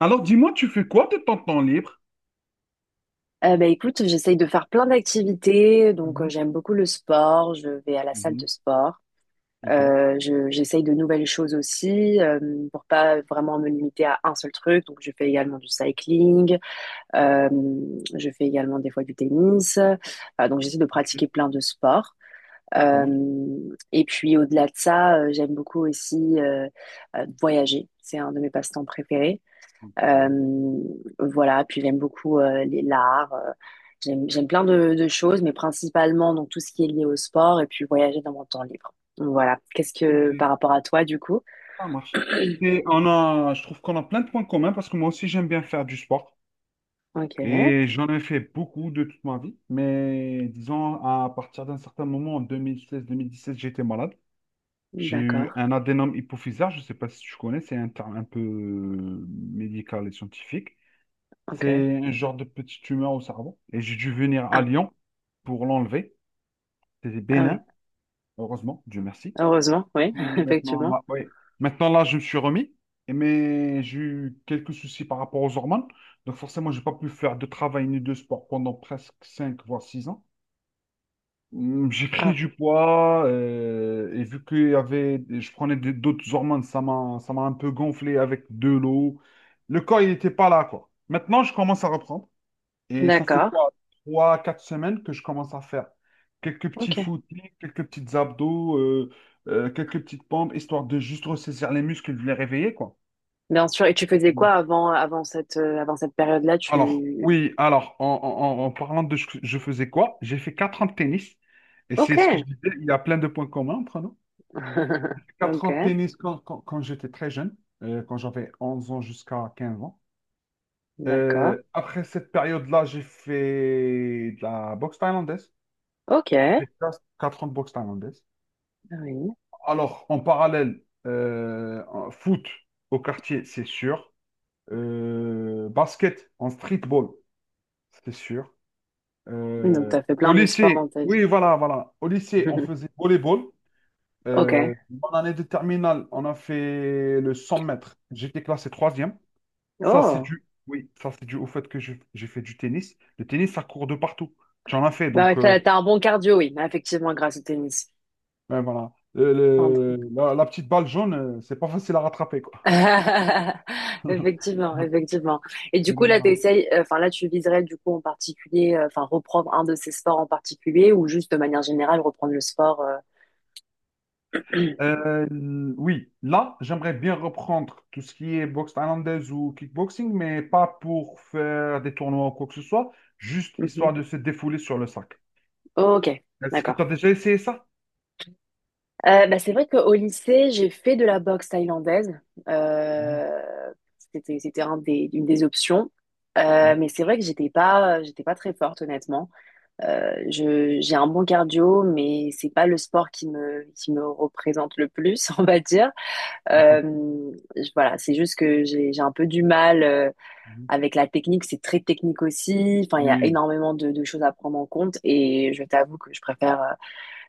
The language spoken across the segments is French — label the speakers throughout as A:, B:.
A: Alors, dis-moi, tu fais quoi de ton temps libre?
B: Bah, écoute, j'essaye de faire plein d'activités. Donc,
A: Mhm,
B: j'aime beaucoup le sport. Je vais à la salle
A: mhm.
B: de sport.
A: Ok,
B: J'essaye de nouvelles choses aussi pour pas vraiment me limiter à un seul truc. Donc, je fais également du cycling. Euh, je fais également des fois du tennis. Enfin, donc, j'essaie de
A: ok,
B: pratiquer plein de sports.
A: ça
B: Euh,
A: marche.
B: et puis, au-delà de ça, j'aime beaucoup aussi voyager. C'est un de mes passe-temps préférés.
A: Ok,
B: Euh, voilà, puis j'aime beaucoup les l'art. J'aime plein de choses, mais principalement donc tout ce qui est lié au sport et puis voyager dans mon temps libre. Donc, voilà. Qu'est-ce que
A: ok.
B: par rapport à toi du coup?
A: Ça marche. Et on a, je trouve qu'on a plein de points communs parce que moi aussi, j'aime bien faire du sport.
B: Ok,
A: Et j'en ai fait beaucoup de toute ma vie. Mais disons, à partir d'un certain moment, en 2016-2017, j'étais malade. J'ai eu
B: d'accord.
A: un adénome hypophysaire. Je ne sais pas si tu connais, c'est un terme un peu médical et scientifique.
B: Ok.
A: C'est un genre de petite tumeur au cerveau. Et j'ai dû venir à
B: Ah,
A: Lyon pour l'enlever. C'était
B: ah oui.
A: bénin. Heureusement, Dieu merci.
B: Heureusement, oui,
A: Et maintenant,
B: effectivement.
A: là, oui. Maintenant, là, je me suis remis, mais j'ai eu quelques soucis par rapport aux hormones. Donc, forcément, je n'ai pas pu faire de travail ni de sport pendant presque 5 voire 6 ans. J'ai pris
B: Ah,
A: du poids, et vu que y avait, je prenais d'autres hormones, ça m'a un peu gonflé avec de l'eau. Le corps, il n'était pas là, quoi. Maintenant, je commence à reprendre. Et ça fait
B: d'accord.
A: quoi? 3, 4 semaines que je commence à faire. Quelques petits
B: Ok.
A: footings, quelques petites abdos, quelques petites pompes, histoire de juste ressaisir les muscles, de les réveiller, quoi.
B: Bien sûr. Et tu faisais
A: Mm.
B: quoi avant cette période-là?
A: Alors,
B: Tu.
A: oui, alors, en parlant de ce que je faisais quoi, j'ai fait 4 ans de tennis. Et
B: Ok.
A: c'est ce que je disais, il y a plein de points communs entre nous. J'ai fait quatre ans de
B: Ok.
A: tennis quand j'étais très jeune, quand j'avais 11 ans jusqu'à 15 ans.
B: D'accord.
A: Après cette période-là, j'ai fait de la boxe thaïlandaise.
B: Ok. Ah,
A: Texas, 4 ans de boxe thaïlandaise.
B: oui.
A: Alors, en parallèle, en foot au quartier, c'est sûr. Basket en streetball, c'est sûr.
B: Donc
A: Euh,
B: t'as fait
A: au
B: plein de sports dans
A: lycée,
B: ta vie.
A: oui, voilà, voilà. Au lycée, on faisait volleyball.
B: Ok.
A: Euh, en année de terminale, on a fait le 100 mètres. J'étais classé troisième. Ça, c'est
B: Oh,
A: dû, oui, ça, c'est dû au fait que j'ai fait du tennis. Le tennis, ça court de partout. J'en ai fait,
B: bah,
A: donc.
B: ouais, t'as un bon cardio, oui, bah, effectivement, grâce au tennis.
A: Ouais, voilà. Le-
B: Pardon.
A: le- la, la petite balle jaune, c'est pas facile à rattraper, quoi.
B: Effectivement, effectivement. Et du
A: Et
B: coup,
A: donc,
B: là,
A: voilà.
B: t'essayes, enfin, là, tu viserais, du coup, en particulier, enfin, reprendre un de ces sports en particulier ou juste de manière générale reprendre le sport.
A: Euh, oui, là, j'aimerais bien reprendre tout ce qui est boxe thaïlandaise ou kickboxing, mais pas pour faire des tournois ou quoi que ce soit, juste
B: Mhm.
A: histoire de se défouler sur le sac.
B: Oh, ok,
A: Est-ce que tu as
B: d'accord.
A: déjà essayé ça?
B: Bah, c'est vrai qu'au lycée, j'ai fait de la boxe thaïlandaise.
A: Non.
B: Euh, c'était un une des options.
A: Hein.
B: Mais c'est vrai que j'étais pas très forte, honnêtement. J'ai un bon cardio, mais c'est pas le sport qui me, représente le plus, on va dire.
A: Ok.
B: Voilà, c'est juste que j'ai un peu du mal
A: Mhm.
B: avec la technique. C'est très technique aussi. Enfin, il y a
A: Oui.
B: énormément de choses à prendre en compte. Et je t'avoue que je préfère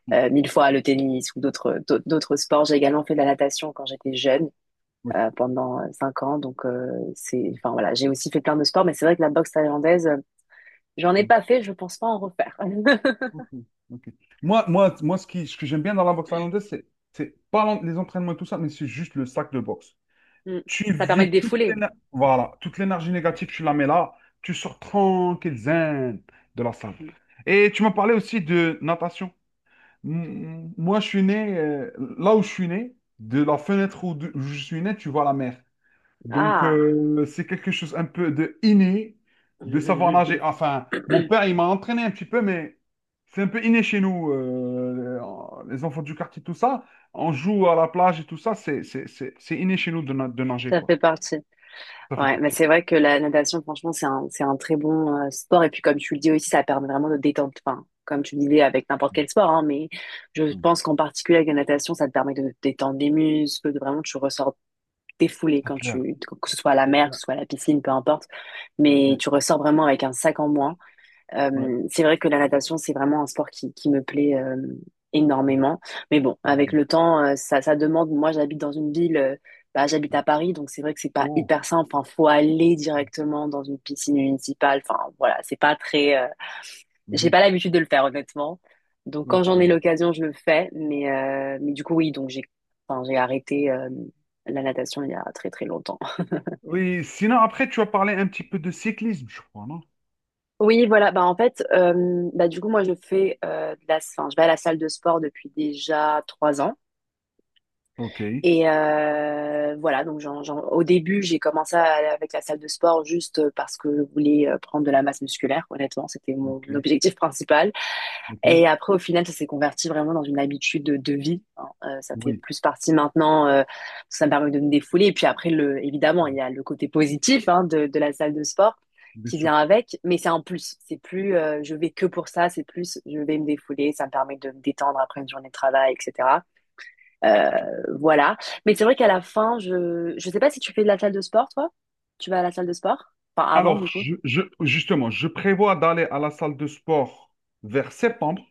A: Non.
B: mille fois le tennis ou d'autres sports. J'ai également fait de la natation quand j'étais jeune,
A: Oui.
B: pendant 5 ans. Donc, enfin voilà, j'ai aussi fait plein de sports, mais c'est vrai que la boxe thaïlandaise, j'en ai
A: Mm.
B: pas fait. Je pense pas en refaire.
A: Ok. Ok. Moi, ce que j'aime bien dans la boxe thaïlandaise, c'est pas les entraînements et tout ça, mais c'est juste le sac de boxe.
B: Mm.
A: Tu
B: Ça permet
A: vis
B: de
A: toute
B: défouler.
A: l'éner- voilà, toute l'énergie négative, tu la mets là, tu sors tranquille, zen, de la salle.
B: Mm.
A: Et tu m'as parlé aussi de natation. Moi, je suis né, là où je suis né, de la fenêtre où je suis né, tu vois la mer. Donc,
B: Ah,
A: c'est quelque chose un peu de inné, de savoir nager. Enfin, mon père, il m'a entraîné un petit peu, mais c'est un peu inné chez nous, les enfants du quartier, tout ça. On joue à la plage et tout ça, c'est inné chez nous de, de nager,
B: ça
A: quoi.
B: fait partie.
A: Ça fait
B: Ouais, mais
A: partie.
B: c'est vrai que la natation, franchement, c'est un très bon sport. Et puis, comme tu le dis aussi, ça permet vraiment de détendre. Enfin, comme tu le disais avec n'importe
A: Mm.
B: quel sport, hein, mais je
A: Mm.
B: pense qu'en particulier avec la natation, ça te permet de détendre les muscles, de vraiment tu ressors défoulé
A: C'est
B: quand
A: clair.
B: tu, que ce soit à la
A: C'est
B: mer, que
A: clair.
B: ce soit à la piscine, peu importe. Mais
A: Ouais.
B: tu ressors vraiment avec un sac en moins.
A: Ouais.
B: C'est vrai que la natation, c'est vraiment un sport qui me plaît énormément. Mais bon, avec
A: Mm.
B: le temps, ça demande. Moi, j'habite dans une ville, bah, j'habite à Paris, donc c'est vrai que c'est pas
A: Oh.
B: hyper simple. Enfin, faut aller directement dans une piscine municipale. Enfin, voilà, c'est pas très. J'ai
A: Mhm.
B: pas l'habitude de le faire, honnêtement. Donc, quand
A: Ok.
B: j'en ai l'occasion, je le fais. Mais, du coup, oui, donc j'ai, enfin, j'ai arrêté la natation il y a très très longtemps.
A: Oui, sinon après, tu as parlé un petit peu de cyclisme, je crois, non?
B: Oui, voilà. Bah, en fait, du coup, moi, je fais de la, enfin, je vais à la salle de sport depuis déjà 3 ans.
A: Ok.
B: Et voilà, donc au début, j'ai commencé avec la salle de sport juste parce que je voulais prendre de la masse musculaire. Honnêtement, c'était mon
A: Ok.
B: objectif principal.
A: Ok.
B: Et après, au final, ça s'est converti vraiment dans une habitude de vie. Hein. Ça fait
A: Oui.
B: plus partie maintenant, ça me permet de me défouler. Et puis après, évidemment, il
A: Mm.
B: y a le côté positif hein, de la salle de sport
A: Bien
B: qui vient
A: sûr.
B: avec, mais c'est un plus. C'est plus je vais que pour ça, c'est plus je vais me défouler, ça me permet de me détendre après une journée de travail, etc. Euh, voilà. Mais c'est vrai qu'à la fin, je sais pas si tu fais de la salle de sport, toi? Tu vas à la salle de sport? Enfin, avant,
A: Alors,
B: du coup.
A: justement, je prévois d'aller à la salle de sport vers septembre,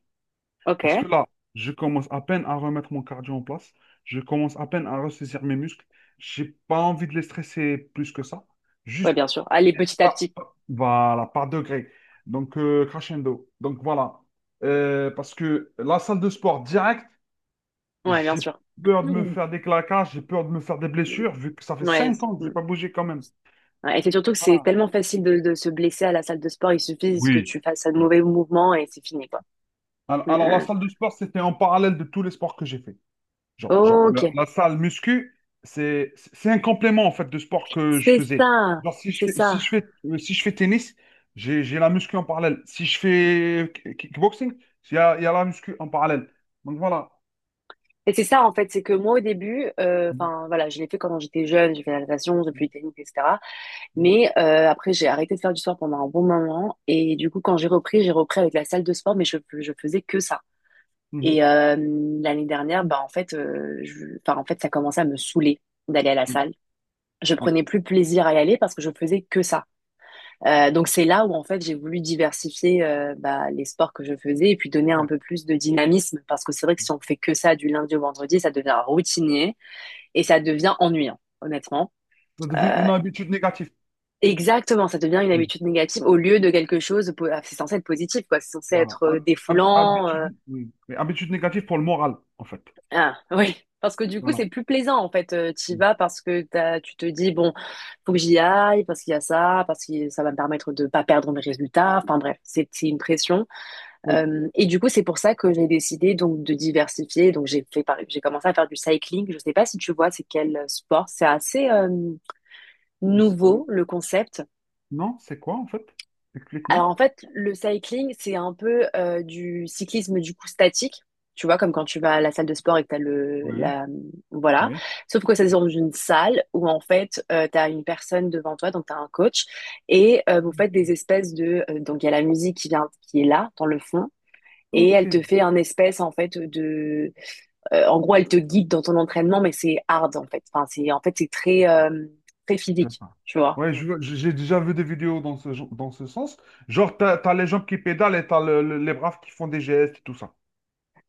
B: Ok.
A: parce que là, je commence à peine à remettre mon cardio en place, je commence à peine à ressaisir mes muscles, j'ai pas envie de les stresser plus que ça.
B: Ouais,
A: Juste,
B: bien sûr. Allez, petit à petit.
A: Voilà, par degré. Donc, crescendo. Donc, voilà. Parce que la salle de sport direct,
B: Ouais, bien
A: j'ai
B: sûr.
A: peur de me faire des claquages, j'ai peur de me faire des
B: Mhm.
A: blessures, vu que ça fait
B: Ouais.
A: 5 ans que j'ai
B: Mm.
A: pas bougé quand même.
B: Ouais, et c'est surtout que c'est
A: Voilà.
B: tellement facile de se blesser à la salle de sport. Il suffit que
A: Oui.
B: tu fasses un
A: Oui.
B: mauvais mouvement et c'est fini, quoi.
A: Alors,
B: Mm,
A: alors, la
B: mm.
A: salle de sport, c'était en parallèle de tous les sports que j'ai fait. Genre,
B: Ok.
A: la salle muscu, c'est un complément en fait de sport que je
B: C'est
A: faisais.
B: ça.
A: Genre, si je
B: C'est
A: fais, si
B: ça.
A: je fais, si je fais tennis, j'ai la muscu en parallèle. Si je fais kickboxing, il y a la muscu en parallèle. Donc voilà.
B: Et c'est ça, en fait. C'est que moi, au début,
A: Mhm,
B: enfin, voilà, je l'ai fait quand j'étais jeune. J'ai fait la natation, j'ai fait du
A: mhm,
B: tennis, etc. Mais après, j'ai arrêté de faire du sport pendant un bon moment. Et du coup, quand j'ai repris avec la salle de sport, mais je faisais que ça.
A: mhm.
B: Et l'année dernière, bah, en fait, enfin, en fait, ça commençait à me saouler d'aller à la
A: Oui,
B: salle. Je
A: oui,
B: prenais plus plaisir à y aller parce que je faisais que ça. Donc c'est là où en fait j'ai voulu diversifier bah, les sports que je faisais et puis
A: c'est
B: donner un
A: clair.
B: peu plus de dynamisme parce que c'est vrai que si on fait que ça du lundi au vendredi, ça devient routinier et ça devient ennuyant honnêtement.
A: Ça devient
B: Euh,
A: une habitude négative.
B: Exactement, ça devient une
A: Mm.
B: habitude négative au lieu de quelque chose, c'est censé être positif, quoi. C'est censé
A: Voilà.
B: être
A: Hab- hab-
B: défoulant,
A: habitude, oui. Oui, habitude négative pour le moral, en fait.
B: ah oui, parce que du coup, c'est
A: Voilà.
B: plus plaisant en fait. T'y
A: Mm.
B: vas parce que tu te dis, bon, faut que j'y aille, parce qu'il y a ça, parce que ça va me permettre de pas perdre mes résultats. Enfin bref, c'est une pression.
A: Oui.
B: Et du coup, c'est pour ça que j'ai décidé donc de diversifier. Donc j'ai commencé à faire du cycling. Je sais pas si tu vois, c'est quel sport. C'est assez nouveau le concept.
A: Non, c'est quoi en fait? Explique-moi.
B: Alors en fait, le cycling, c'est un peu du cyclisme du coup statique, tu vois, comme quand tu vas à la salle de sport et que t'as le
A: Oui,
B: la voilà.
A: oui.
B: Sauf que ça se dans une salle où en fait t'as une personne devant toi, donc t'as un coach, et vous faites des espèces de donc il y a la musique qui vient qui est là dans le fond. Et
A: Ok.
B: elle te fait un espèce en fait de en gros elle te guide dans ton entraînement mais c'est hard en fait enfin c'est en fait c'est très très
A: Je
B: physique
A: vois.
B: tu vois.
A: Ouais, j'ai déjà vu des vidéos dans ce, dans ce sens. Genre, t'as les gens qui pédalent et t'as les braves qui font des gestes et tout ça.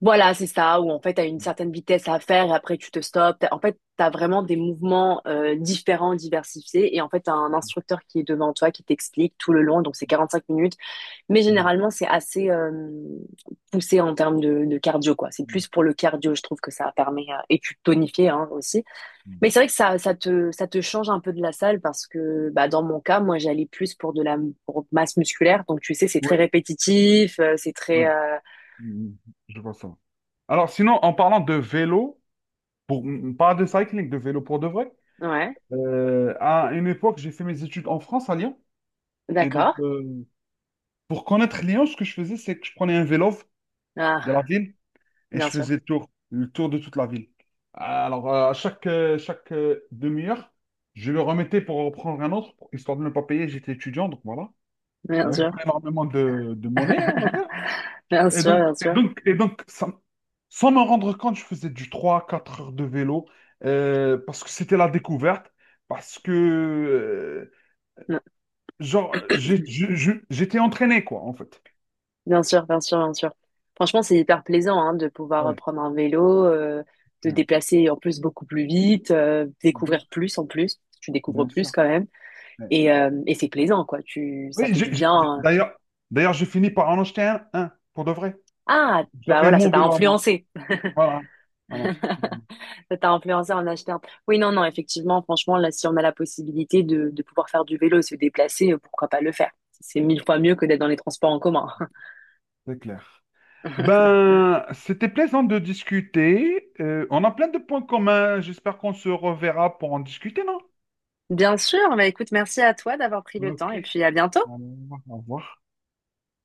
B: Voilà, c'est ça, où en fait, tu as une certaine vitesse à faire et après tu te stops. En fait, tu as vraiment des mouvements différents, diversifiés. Et en fait, tu as un instructeur qui est devant toi, qui t'explique tout le long. Donc, c'est 45 minutes. Mais
A: Mhm,
B: généralement, c'est assez poussé en termes de cardio, quoi. C'est
A: mhm,
B: plus pour le cardio, je trouve que ça permet, et tu tonifies hein, aussi. Mais
A: mhm.
B: c'est vrai que ça, ça te change un peu de la salle parce que, bah, dans mon cas, moi, j'allais plus pour de la pour masse musculaire. Donc, tu sais, c'est très
A: Oui,
B: répétitif,
A: ouais. Mhm. Mhm. Je vois ça. Alors, sinon, en parlant de vélo, pour, pas de cycling, de vélo pour de vrai,
B: ouais,
A: à une époque, j'ai fait mes études en France, à Lyon. Et donc,
B: d'accord.
A: pour connaître Lyon, ce que je faisais, c'est que je prenais un vélo de
B: Ah,
A: la ville. Et
B: bien
A: je
B: sûr,
A: faisais le tour de toute la ville. Alors, à chaque demi-heure, je le remettais pour reprendre un autre, histoire de ne pas payer. J'étais étudiant, donc voilà. Il
B: bien
A: n'y avait
B: sûr,
A: pas énormément de monnaie, on va dire. Et donc,
B: bien
A: et
B: sûr,
A: donc, et donc sans m'en rendre compte, je faisais du 3-4 heures de vélo parce que c'était la découverte, parce que,
B: non,
A: genre, j'étais entraîné, quoi, en fait.
B: bien sûr, bien sûr, bien sûr. Franchement, c'est hyper plaisant hein, de pouvoir
A: Ouais.
B: prendre un vélo, de
A: Ouais.
B: déplacer en plus beaucoup plus vite,
A: Bien
B: découvrir
A: sûr.
B: plus en plus. Tu découvres
A: Bien
B: plus
A: sûr.
B: quand même, et c'est plaisant quoi. Ça
A: Oui,
B: fait du bien.
A: d'ailleurs, j'ai fini par en acheter un, pour de vrai.
B: Ah, bah
A: J'avais
B: voilà, ça
A: mon
B: t'a
A: vélo à moi.
B: influencé.
A: Voilà. Voilà.
B: Ça t'a influencé en achetant. Oui, non, non, effectivement, franchement, là, si on a la possibilité de pouvoir faire du vélo et se déplacer, pourquoi pas le faire? C'est mille fois mieux que d'être dans les transports en commun.
A: C'est clair. Ben, c'était plaisant de discuter. On a plein de points communs. J'espère qu'on se reverra pour en discuter, non?
B: Bien sûr, bah écoute, merci à toi d'avoir pris le temps
A: Ok.
B: et puis à bientôt.
A: Alors, au revoir.